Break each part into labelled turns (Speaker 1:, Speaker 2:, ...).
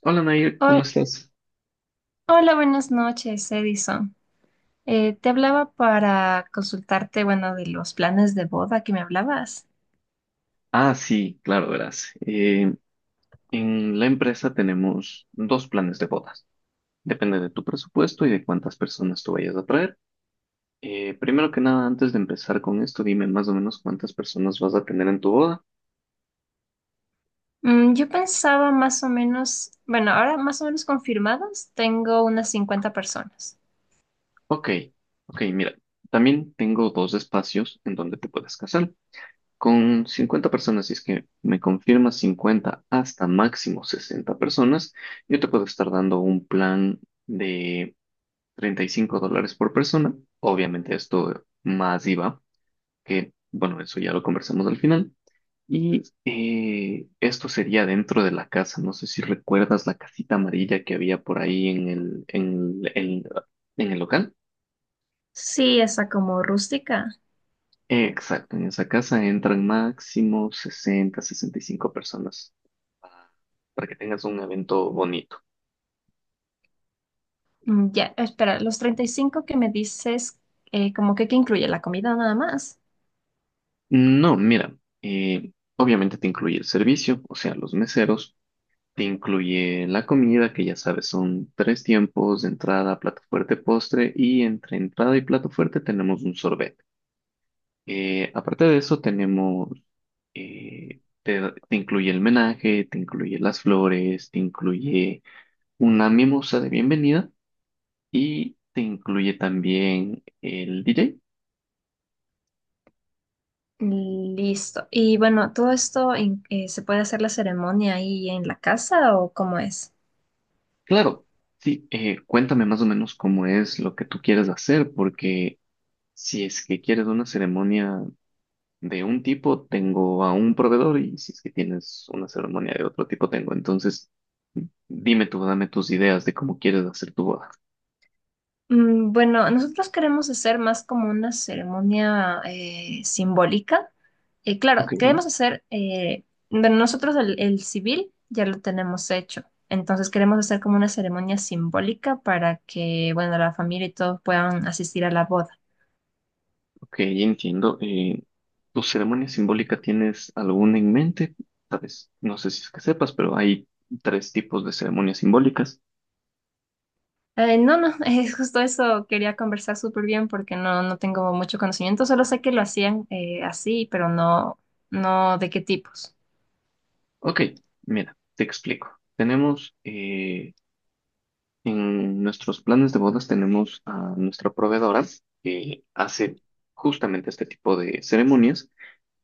Speaker 1: Hola Nair, ¿cómo
Speaker 2: Hol-
Speaker 1: estás?
Speaker 2: Hola, buenas noches, Edison. Te hablaba para consultarte, bueno, de los planes de boda que me hablabas.
Speaker 1: Ah, sí, claro, verás. En la empresa tenemos dos planes de bodas. Depende de tu presupuesto y de cuántas personas tú vayas a traer. Primero que nada, antes de empezar con esto, dime más o menos cuántas personas vas a tener en tu boda.
Speaker 2: Yo pensaba más o menos, bueno, ahora más o menos confirmados, tengo unas 50 personas.
Speaker 1: Ok, ok, mira, también tengo dos espacios en donde te puedes casar. Con 50 personas, si es que me confirmas 50 hasta máximo 60 personas, yo te puedo estar dando un plan de $35 por persona. Obviamente esto más IVA, que bueno, eso ya lo conversamos al final. Y esto sería dentro de la casa. No sé si recuerdas la casita amarilla que había por ahí en el local.
Speaker 2: Sí, esa como rústica.
Speaker 1: Exacto, en esa casa entran máximo 60, 65 personas para para que tengas un evento bonito.
Speaker 2: Ya, espera, los 35 que me dices, como que incluye la comida nada más.
Speaker 1: No, mira, obviamente te incluye el servicio, o sea, los meseros. Te incluye la comida, que ya sabes, son tres tiempos, entrada, plato fuerte, postre, y entre entrada y plato fuerte tenemos un sorbet. Aparte de eso, eh, te, te incluye el menaje, te incluye las flores, te incluye una mimosa de bienvenida y te incluye también el DJ.
Speaker 2: Mm, listo. Y bueno, ¿todo esto se puede hacer la ceremonia ahí en la casa o cómo es?
Speaker 1: Claro, sí, cuéntame más o menos cómo es lo que tú quieres hacer, porque si es que quieres una ceremonia de un tipo tengo a un proveedor y si es que tienes una ceremonia de otro tipo tengo. Entonces, dime tú, dame tus ideas de cómo quieres hacer tu boda.
Speaker 2: Bueno, nosotros queremos hacer más como una ceremonia simbólica. Claro,
Speaker 1: Ok,
Speaker 2: queremos hacer, bueno, nosotros el civil ya lo tenemos hecho, entonces queremos hacer como una ceremonia simbólica para que, bueno, la familia y todos puedan asistir a la boda.
Speaker 1: ok, entiendo. ¿Tu ceremonia simbólica tienes alguna en mente? Sabes, no sé si es que sepas, pero hay tres tipos de ceremonias simbólicas.
Speaker 2: No, no, es justo eso quería conversar súper bien porque no, no tengo mucho conocimiento, solo sé que lo hacían así, pero no, no de qué tipos.
Speaker 1: Ok, mira, te explico. Tenemos En nuestros planes de bodas tenemos a nuestra proveedora que hace justamente este tipo de ceremonias.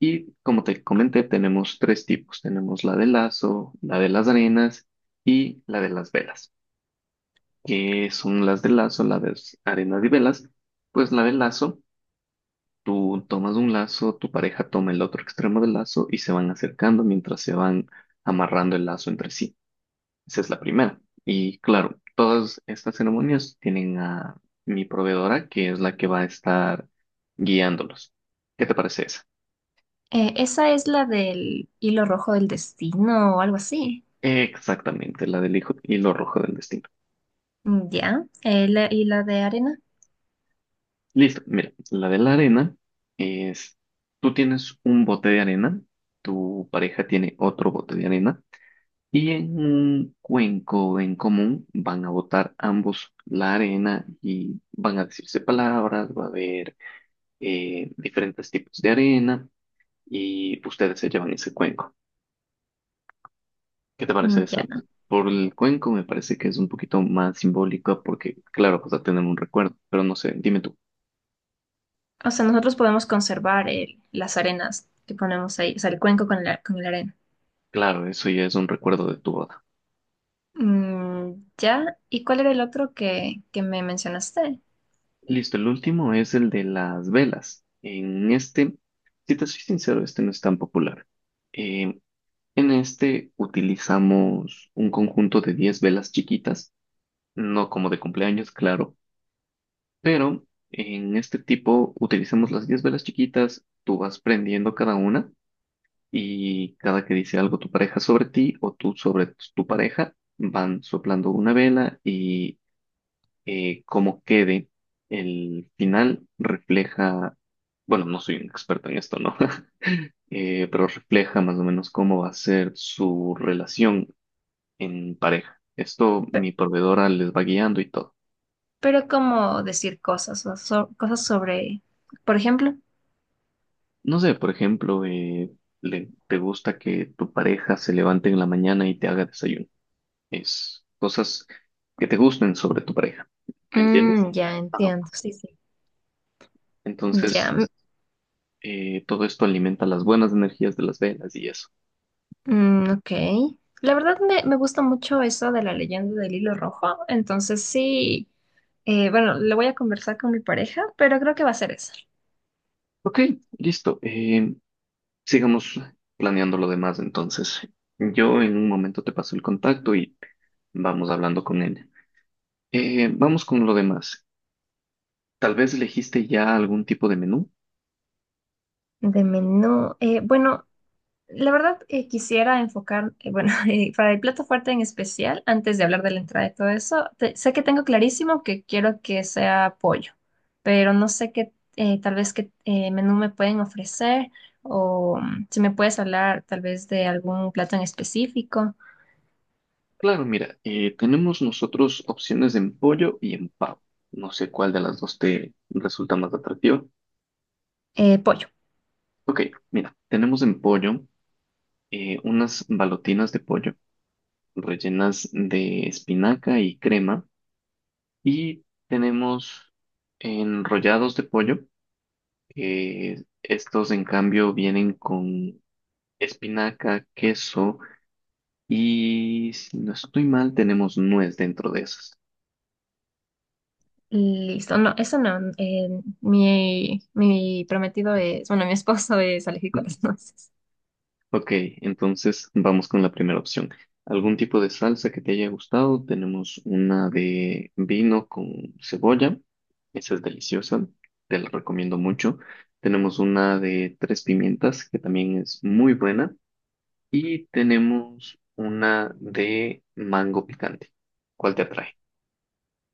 Speaker 1: Y como te comenté, tenemos tres tipos. Tenemos la de lazo, la de las arenas y la de las velas. ¿Qué son las de lazo, la de arenas y velas? Pues la de lazo, tú tomas un lazo, tu pareja toma el otro extremo del lazo y se van acercando mientras se van amarrando el lazo entre sí. Esa es la primera. Y claro, todas estas ceremonias tienen a mi proveedora, que es la que va a estar guiándolos. ¿Qué te parece esa?
Speaker 2: Esa es la del hilo rojo del destino o algo así.
Speaker 1: Exactamente, la del hilo rojo del destino.
Speaker 2: Mm, ya. Y la de arena.
Speaker 1: Listo, mira, la de la arena es, tú tienes un bote de arena, tu pareja tiene otro bote de arena y en un cuenco en común van a botar ambos la arena y van a decirse palabras, va a haber diferentes tipos de arena y ustedes se llevan ese cuenco. ¿Qué te parece
Speaker 2: Mm,
Speaker 1: esa?
Speaker 2: ya.
Speaker 1: Por el cuenco me parece que es un poquito más simbólica porque, claro, pues a tener un recuerdo, pero no sé, dime tú.
Speaker 2: O sea, nosotros podemos conservar las arenas que ponemos ahí, o sea, el cuenco con la arena.
Speaker 1: Claro, eso ya es un recuerdo de tu boda.
Speaker 2: Mm, ya. ¿Y cuál era el otro que me mencionaste?
Speaker 1: Listo, el último es el de las velas. En este, si te soy sincero, este no es tan popular. Eh, en este utilizamos un conjunto de 10 velas chiquitas, no como de cumpleaños, claro, pero en este tipo utilizamos las 10 velas chiquitas, tú vas prendiendo cada una y cada que dice algo tu pareja sobre ti o tú sobre tu pareja, van soplando una vela y cómo quede el final refleja, bueno, no soy un experto en esto, ¿no? Pero refleja más o menos cómo va a ser su relación en pareja. Esto
Speaker 2: Pe-
Speaker 1: mi proveedora les va guiando y todo.
Speaker 2: Pero, cómo decir cosas, cosas sobre, por ejemplo.
Speaker 1: No sé, por ejemplo, te gusta que tu pareja se levante en la mañana y te haga desayuno. Es cosas que te gusten sobre tu pareja. ¿Me entiendes?
Speaker 2: Ya
Speaker 1: Ajá.
Speaker 2: entiendo, sí, sí.
Speaker 1: Entonces,
Speaker 2: Ya.
Speaker 1: todo esto alimenta las buenas energías de las velas y eso.
Speaker 2: Mm, ok. La verdad me gusta mucho eso de la leyenda del hilo rojo, entonces sí, bueno, lo voy a conversar con mi pareja, pero creo que va a ser eso.
Speaker 1: Ok, listo. Sigamos planeando lo demás entonces. Yo en un momento te paso el contacto y vamos hablando con él. Vamos con lo demás. Tal vez elegiste ya algún tipo de menú.
Speaker 2: De menú, bueno, la verdad quisiera enfocar, bueno, para el plato fuerte en especial, antes de hablar de la entrada y todo eso, sé que tengo clarísimo que quiero que sea pollo, pero no sé qué, tal vez qué menú me pueden ofrecer o si me puedes hablar tal vez de algún plato en específico.
Speaker 1: Claro, mira, tenemos nosotros opciones en pollo y en pavo. No sé cuál de las dos te resulta más atractiva.
Speaker 2: Pollo.
Speaker 1: Ok, mira, tenemos en pollo unas balotinas de pollo rellenas de espinaca y crema. Y tenemos enrollados de pollo, que estos en cambio vienen con espinaca, queso y si no estoy mal, tenemos nuez dentro de esas.
Speaker 2: Listo. No, eso no. Mi prometido es, bueno, mi esposo es alérgico a las nueces.
Speaker 1: Ok, entonces vamos con la primera opción. ¿Algún tipo de salsa que te haya gustado? Tenemos una de vino con cebolla. Esa es deliciosa, te la recomiendo mucho. Tenemos una de tres pimientas que también es muy buena. Y tenemos una de mango picante. ¿Cuál te atrae?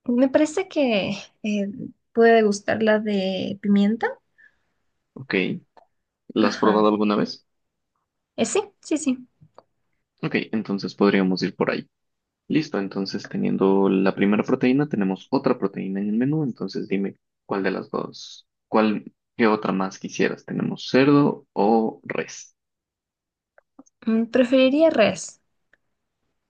Speaker 2: Me parece que eh, puede gustar la de pimienta.
Speaker 1: Ok. ¿La has
Speaker 2: Ajá.
Speaker 1: probado alguna vez?
Speaker 2: Sí, sí, sí.
Speaker 1: Ok, entonces podríamos ir por ahí. Listo, entonces teniendo la primera proteína, tenemos otra proteína en el menú. Entonces dime cuál de las dos, cuál, qué otra más quisieras. ¿Tenemos cerdo o res?
Speaker 2: Preferiría res.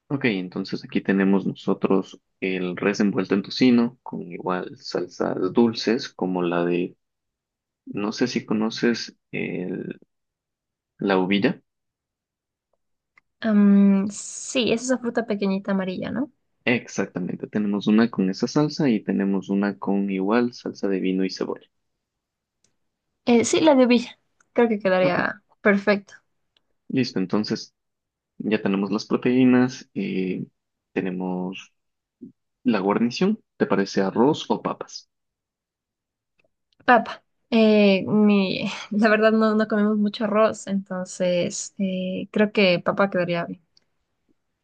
Speaker 1: Ok, entonces aquí tenemos nosotros el res envuelto en tocino con igual salsas dulces como la de, no sé si conoces la uvilla.
Speaker 2: Sí, es esa fruta pequeñita amarilla, ¿no?
Speaker 1: Exactamente, tenemos una con esa salsa y tenemos una con igual salsa de vino y cebolla.
Speaker 2: Sí, la de Villa. Creo que
Speaker 1: Ok,
Speaker 2: quedaría perfecto.
Speaker 1: listo, entonces ya tenemos las proteínas, tenemos la guarnición, ¿te parece arroz o papas?
Speaker 2: Papa. La verdad no, no comemos mucho arroz, entonces creo que papa quedaría bien.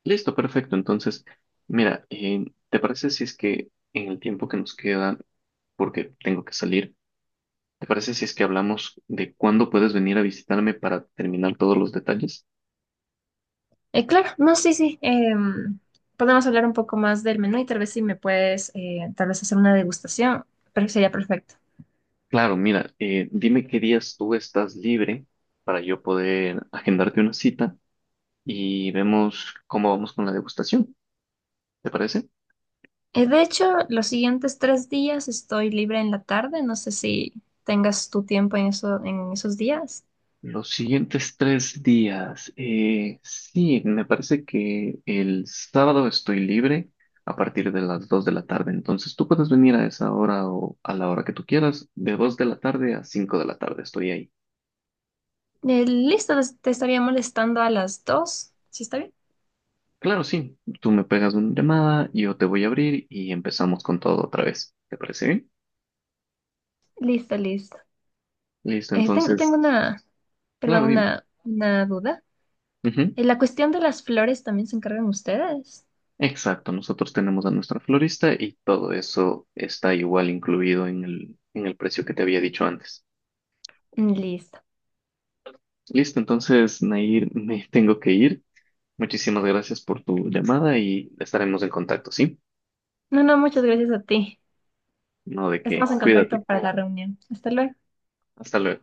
Speaker 1: Listo, perfecto, entonces mira, ¿te parece si es que en el tiempo que nos queda, porque tengo que salir, ¿te parece si es que hablamos de cuándo puedes venir a visitarme para terminar todos los detalles?
Speaker 2: Claro, no, sí, sí. em, Podemos hablar un poco más del menú y tal vez si me puedes, tal vez hacer una degustación, pero sería perfecto.
Speaker 1: Claro, mira, dime qué días tú estás libre para yo poder agendarte una cita y vemos cómo vamos con la degustación. ¿Te parece?
Speaker 2: De hecho, los siguientes 3 días estoy libre en la tarde. No sé si tengas tu tiempo en eso, en esos días.
Speaker 1: Los siguientes tres días. Sí, me parece que el sábado estoy libre a partir de las 2 de la tarde. Entonces tú puedes venir a esa hora o a la hora que tú quieras. De dos de la tarde a 5 de la tarde estoy ahí.
Speaker 2: Listo, te estaría molestando a las 2. ¿Sí está bien?
Speaker 1: Claro, sí. Tú me pegas una llamada, yo te voy a abrir y empezamos con todo otra vez. ¿Te parece bien?
Speaker 2: Listo, listo.
Speaker 1: Listo,
Speaker 2: Tengo
Speaker 1: entonces,
Speaker 2: una, perdón,
Speaker 1: claro, dime.
Speaker 2: una duda.
Speaker 1: Ujú.
Speaker 2: ¿La cuestión de las flores también se encargan ustedes?
Speaker 1: Exacto, nosotros tenemos a nuestra florista y todo eso está igual incluido en el precio que te había dicho antes.
Speaker 2: Mm, listo.
Speaker 1: Listo, entonces, Nair, me tengo que ir. Muchísimas gracias por tu llamada y estaremos en contacto, ¿sí?
Speaker 2: No, no, muchas gracias a ti.
Speaker 1: No de
Speaker 2: Estamos
Speaker 1: qué,
Speaker 2: en contacto
Speaker 1: cuídate.
Speaker 2: para la reunión. Hasta luego.
Speaker 1: Hasta luego.